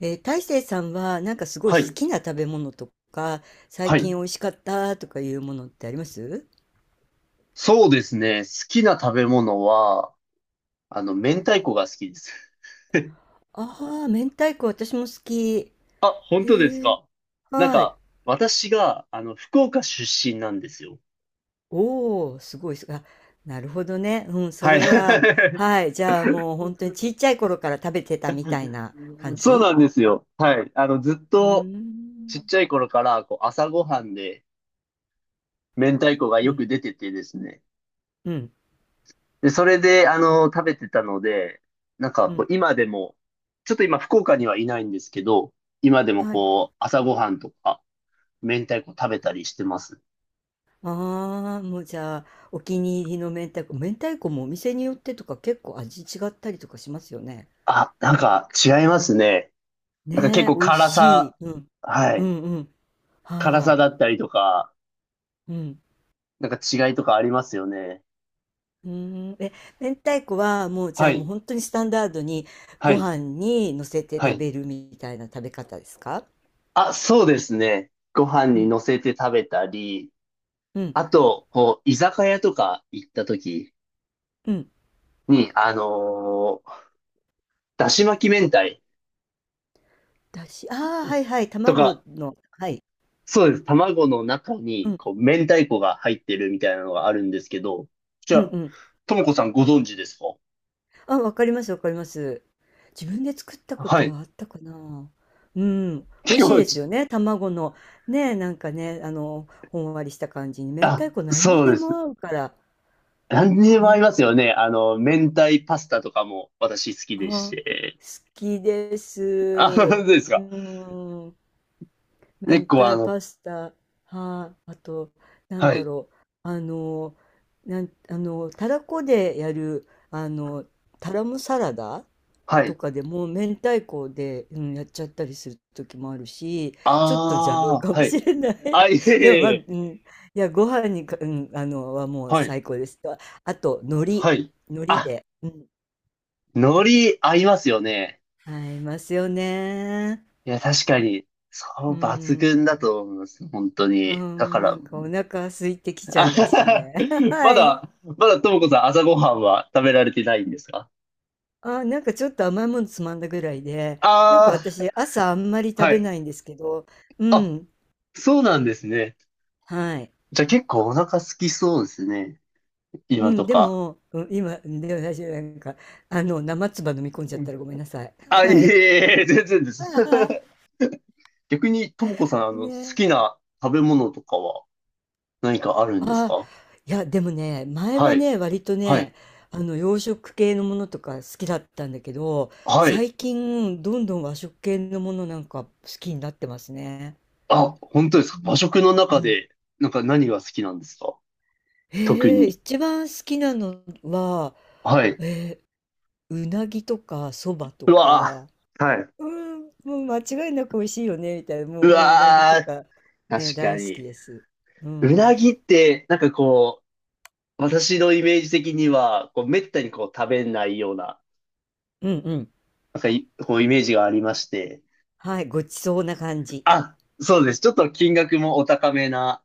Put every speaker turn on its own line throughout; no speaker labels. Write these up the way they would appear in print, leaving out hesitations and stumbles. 大成さんはすごい
は
好
い。
きな食べ物とか、最
はい。
近美味しかったとかいうものってあります
そうですね。好きな食べ物は、明太子が好きです。
ああ、ー、明太子私も好き。
あ、本当です
へえ、
か。なん
はい。
か、私が、福岡出身なんですよ。
おお、すごいす。あ、なるほどね。うん、そ
はい。
れは、はい。じゃあもう本当にちっちゃい頃から食べてたみたいな感
そうな
じ？
んですよ。はい。ずっ
う
と、
ー
ちっ
ん。
ちゃい頃から、こう、朝ごはんで、明太子が
う
よ
ん、
く出ててですね。
うん、
で、それで、食べてたので、なんか、
う
こう、
ん。
今でも、ちょっと今、福岡にはいないんですけど、今でも
はい。
こう、朝ごはんとか、明太子食べたりしてます。
ああ、もうじゃあ、お気に入りの明太子。明太子もお店によってとか結構味違ったりとかしますよね。
あ、なんか違いますね。なんか結
ねえ、
構
美味
辛
し
さ、
い。うん。
は
う
い。
んうん。
辛さ
は
だったりとか、
い。うん。
なんか違いとかありますよね。
うーん。え、明太子はもうじゃ
は
あもう
い。
本当にスタンダードに
は
ご
い。
飯に乗せて
は
食
い。
べるみたいな食べ方ですか？
あ、そうですね。ご飯
う
に
ん。
乗せて食べたり、
うん。
あと、こう、居酒屋とか行った時
うん。
に、だし巻き明太
だし、ああ、はいはい。
と
卵
か、
の。はい。
そうです。卵の中
う
に、
ん。
こう、明太子が入ってるみたいなのがあるんですけど、じゃ
うん
あ、
うん。
ともこさんご存知ですか。
あ、わかりますわかります。自分で作ったこ
は
と
い。
はあったかな。うん。美味
結
しい
構
です
ち、
よね、卵の。ねえ、ね、ほんわりした感じに。明太子何に
そう
で
で
も
す。
合うから。
何にでも合いま
ね、
すよね。明太パスタとかも私好き
あ、
でし
好
て。
きです。
あ、本当
う
ですか。
ーん、
結
明
構あ
太
の、
パスタ。はい、あと、なん
は
だ
い、
ろう。あの、あの、たらこでやる、タラムサラダ
は
と
い。
かでも、明太子で、うん、やっちゃったりする時もあるし、ちょっと邪道
あ
か
あ、
も
はい。
しれない。
あ、いえい
でも、
え
ま
い
あ、うん、
え。
いや、ご飯にか、うん、あの、はもう
はい、
最高です。あ、あと、海苔、
はい。
海苔
あ、
で、うん、
海苔合いますよね。
合いますよね。
いや、確かに、そ
う
う
ー
抜群
ん。
だと思います。本当
う
に。だか
ん、
ら、
お腹空いてきちゃ
あ
いま
は
す
は
ね。
ま
はい。
だ、まだともこさん朝ごはんは食べられてないんですか。
あ、ちょっと甘いものつまんだぐらいで、
あ
私朝あんまり
あー、
食
は
べ
い。
ないんですけど、う
あ、
ん、
そうなんですね。
はい。
じゃあ結構お腹空きそうですね。
う
今
ん、
と
で
か。
も、うん、今、でも私生唾飲み込んじゃっ
う
た
ん、
らごめんなさい。
あ、いえ
は
い
い。
えいえ、全然です。逆に、ともこさん、好
ね。
きな食べ物とかは何かあるんです
ああ、
か。
いや、でもね、前
は
は
い、
ね、割と
はい、
ね、洋食系のものとか好きだったんだけど、
はい。
最近、どんどん和食系のものなんか好きになってますね。
あ、本当ですか。
う
和
ん。
食の
う
中
ん。
で、なんか何が好きなんですか。特
へえ、
に。
一番好きなのは、
はい。
えうなぎとか、そばと
うわ
か、
ーはい。
うん、もう間違いなく美味しいよね、みたいな、も
う
う、もううなぎと
わ
か、
ー
ね、
確か
大好き
に。
です。う
うな
ん。
ぎって、なんかこう、私のイメージ的には、こう、めったにこう、食べないような、
うんうん。
なんかいこう、イメージがありまして。
はい、ごちそうな感じ。
あ、そうです。ちょっと金額もお高めな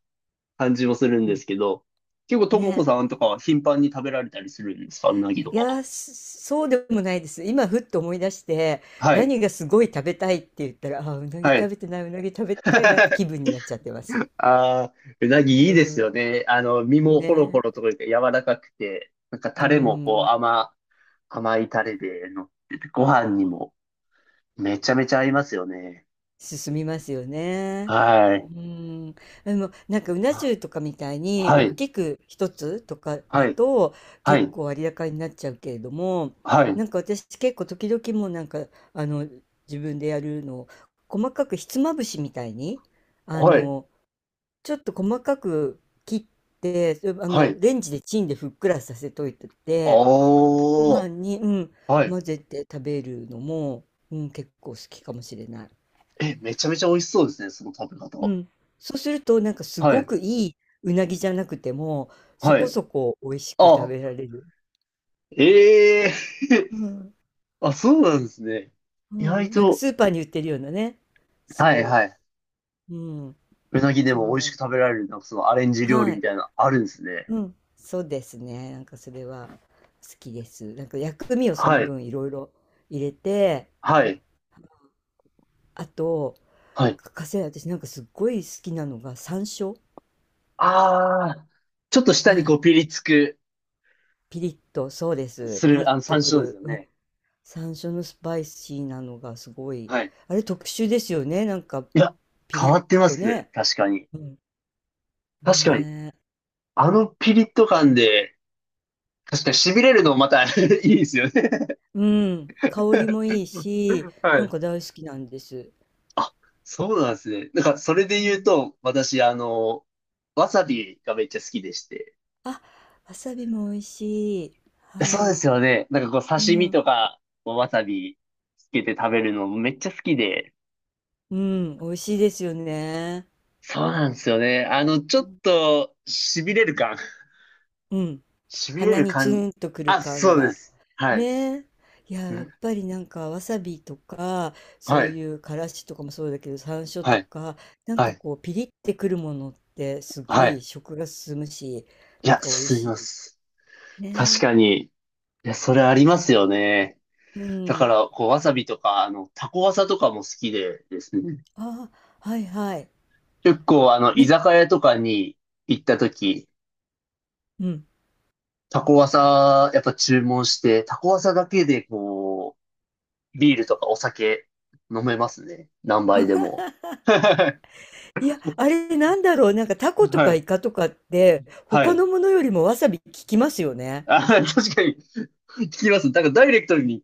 感じもするん
う
で
ん。
すけど、結構ともこ
ね。
さんとかは頻繁に食べられたりするんですか。うなぎと
い
か
や、
は。
ー、そうでもないです。今、ふっと思い出して、
はい。
何がすごい食べたいって言ったら、ああ、うなぎ
は
食
い。
べてない、うなぎ食べたいなって 気分になっちゃってます。
ああ、うなぎ
う
いいです
ん。
よね。身もホロホ
ね。
ロとか言って柔らかくて、なんか
う
タレもこう
ん。
甘いタレで乗ってて、ご飯にもめちゃめちゃ合いますよね。
進みますよね。
はい。
うん。でも、なんか、うな
あ
重とかみたいに、
は
大
い。
きく一つとか
は
だ
い。
と、
は
結
い。
構割高になっちゃうけれども、
はい。
なんか私、結構時々もうあの、自分でやるのを、細かくひつまぶしみたいに、あ
はい。
の、ちょっと細かく切って、それ
はい。
レンジでチンでふっくらさせといてて、ご
おー。
飯に、うん、
はい。
混ぜて食べるのも、うん、結構好きかもしれない。
え、めちゃめちゃ美味しそうですね、その食べ
う
方。
ん。そうすると、なんかす
は
ご
い。
くいいうなぎじゃなくても、そ
は
こ
い。
そこ美味しく食
あ、
べられる。
ええ
うん。
あ、そうなんですね。
う
意外
ん。なんか
と、
スーパーに売ってるようなね。
はい
そ
はい。
う。うん。
うなぎで
そ
も
ん
美味
な
し
の。
く食べられる、なんかそのアレンジ料理
は
み
い。
たいな、あるんですね。
うん、そうですね。なんかそれは好きです。なんか薬味をその
はい。
分いろいろ入れて、
はい。
あと、
はい。
欠かせない私なんかすっごい好きなのが山椒。
ああ、ちょっと舌に
は
こ
い。
うピリつく、
ピリッと、そうです。
す
ピリ
る、
ッ
山
とく
椒です
る。
よ
うん、
ね。
山椒のスパイシーなのがすごい。
はい。
あれ特殊ですよね。なんか
いや、
ピリ
変わって
ッ
ま
と
す。
ね。
確かに。
うん。
確かに。
ねえ。
あのピリッと感で、確かに痺れるのまた いいですよね。
うん。香りもいいし、
は
なん
い。
か大好きなんです。
あ、そうなんですね。なんか、それで
う
言う
ん、
と、私、わさびがめっちゃ好きでして。
あ、わさびも美味しい。
そうで
は
す
い。
よね。なんかこう、
う
刺身
ん、
とか、わさびつけて食べるのめっちゃ好きで。
うん、美味しいですよね。
そうなんですよね。ちょっと、痺れる感。
うん、
痺れ
鼻
る
にツ
感。
ーンとくる
あ、
感
そうで
が。
す。はい。
ねえ。いや、やっ
ん
ぱりなんかわさびとか、
は
そう
い。
いうからしとかもそうだけど、山椒
は
と
い。
か、なん
は
か
い。
こう、ピリってくるものってす
は
ごい
い。
食が進むし、
い
なん
や、
か美味
進みま
し
す。
い。
確
ね
かに。いや、それありますよね。
え。う
だか
ん。
ら、こう、わさびとか、タコわさとかも好きでですね。
ああ、はいはい。
結構、居
な、
酒屋とかに行った時、
うん。
タコワサ、やっぱ注文して、タコワサだけで、こう、ビールとかお酒飲めますね。何杯でも。
いや、あれなんだろう、なんかタコと
は
か
い。
イカとかって、
は
他
い。
のものよりもわさび効きますよね。
あ、確かに、聞きます。なんかダイレクトに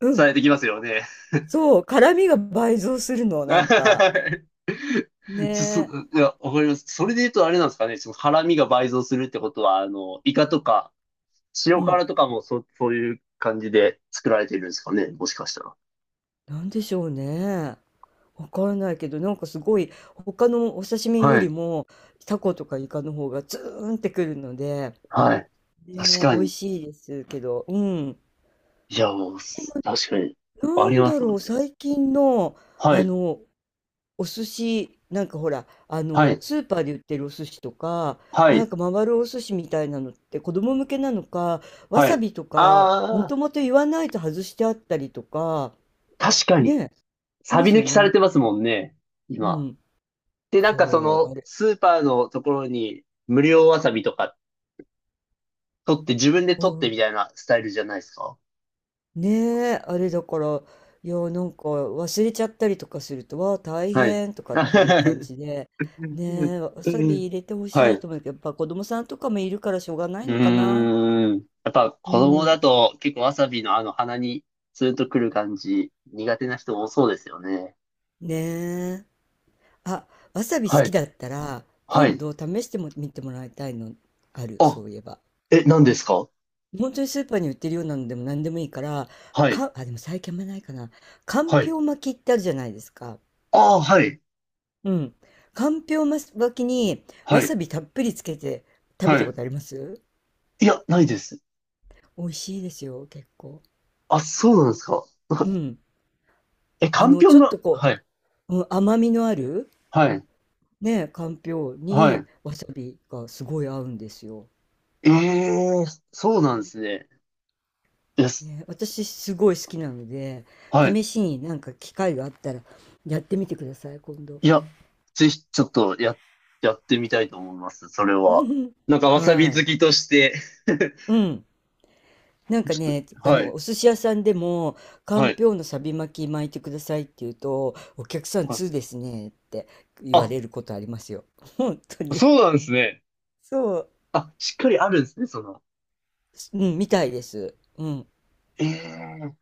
う
さ
ん、
れてきますよね。
そう、辛みが倍増するの、なんか。ね
ちょそそ
え。
いや、わかります。それで言うとあれなんですかね。その辛味が倍増するってことは、イカとか、
う
塩
ん。
辛とかもそういう感じで作られてるんですかね。もしかしたら。
なんでしょうね。わからないけど、なんかすごい、他のお刺身よ
は
り
い。
も、タコとかイカの方がツーンってくるので、
はい。確
ねえ、
か
美味
に。
しいですけど、うん。
いや、もう、確かに。あ
な
り
ん
ま
だ
すもん
ろう、
ね。
最近の、
は
あ
い。
の、お寿司、なんかほら、
はい。
スーパーで売ってるお寿司とか、
は
なん
い。
か回るお寿司みたいなのって子供向けなのか、わ
は
さ
い。
びとか、も
あ
ともと言わないと外してあったりとか、
ー確かに。
ねえ、し
サ
ま
ビ
す
抜
よ
きされ
ね。
てますもんね。
う
今。
ん。
で、なんかそ
そう、
の、
あれ。
スーパーのところに、無料わさびとか、取って、自分で
う
取って
ん。
みたいなスタイルじゃないですか。
ねえ、あれだから、いや、なんか忘れちゃったりとかすると、わあ、大
はい。
変と かっていう感
は
じで、ねえ、わさび入れてほ
い。
しい
う
と思うけど、やっぱ子供さんとかもいるからしょうがないのかな。
ーん。やっぱ
う
子供だ
ん。
と結構わさびのあの鼻にツーンとくる感じ苦手な人多そうですよね。
ねえ。あ、わさび好
は
き
い。
だったら、
は
今
い。
度試しても見てもらいたいのある、そ
あ、
ういえば。
え、何ですか。
本当にスーパーに売ってるようなのでも何でもいいから、
はい。
か、あ、でも最近あんまないかな。かん
は
ぴ
い。
ょう巻きってあるじゃないですか。
ああ、はい。
うん。かんぴょう巻きに
は
わさ
い。
びたっぷりつけて食べ
は
たこ
い。
とあります？
いや、ないです。
美味しいですよ、結構。
あ、そうなんですか。
うん。
え、かんぴょん
ちょっ
が、
とこ
はい。
う、うん、甘みのある、
はい。
ね、かんぴょう
はい。
にわさびがすごい合うんですよ。
ええ、そうなんですね。です。
ね、私すごい好きなので、
はい。
試しになんか機会があったらやってみてください、今度。
いや、ぜひ、ちょっと、や、やってみたいと思います。それは。なんか、わさび
は
好
い。
きとして。
うん。なん か
ちょっ
ね、
と、はい。
お寿司屋さんでも、か
は
ん
い。
ぴょうのサビ巻き巻いてくださいって言うと、お客さん
はい。
通ですねって言わ
あ、
れることありますよ。本当に。
そうなんですね。
そう。
あ、しっかりあるんですね、その。
うん、みたいです。うん。
ええ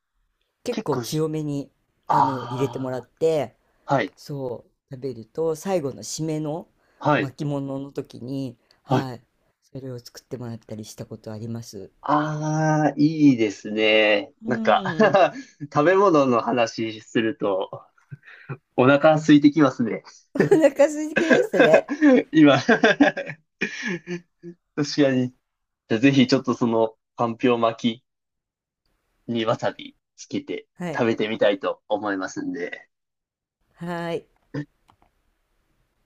結
結
構
構し、
強めに、入れてもらっ
あ
て、
あ、はい。
そう、食べると、最後の締めの
はい。
巻物の時に、
あ、
はい、それを作ってもらったりしたことあります。
ああ、いいですね。
う
なんか
ん。
食べ物の話すると、お腹空いてきますね。
お腹空いてきましたね。
今 確かに。じゃあぜひちょっとその、かんぴょう巻きにわさびつけて
はい。
食べてみたいと思いますんで。
はーい。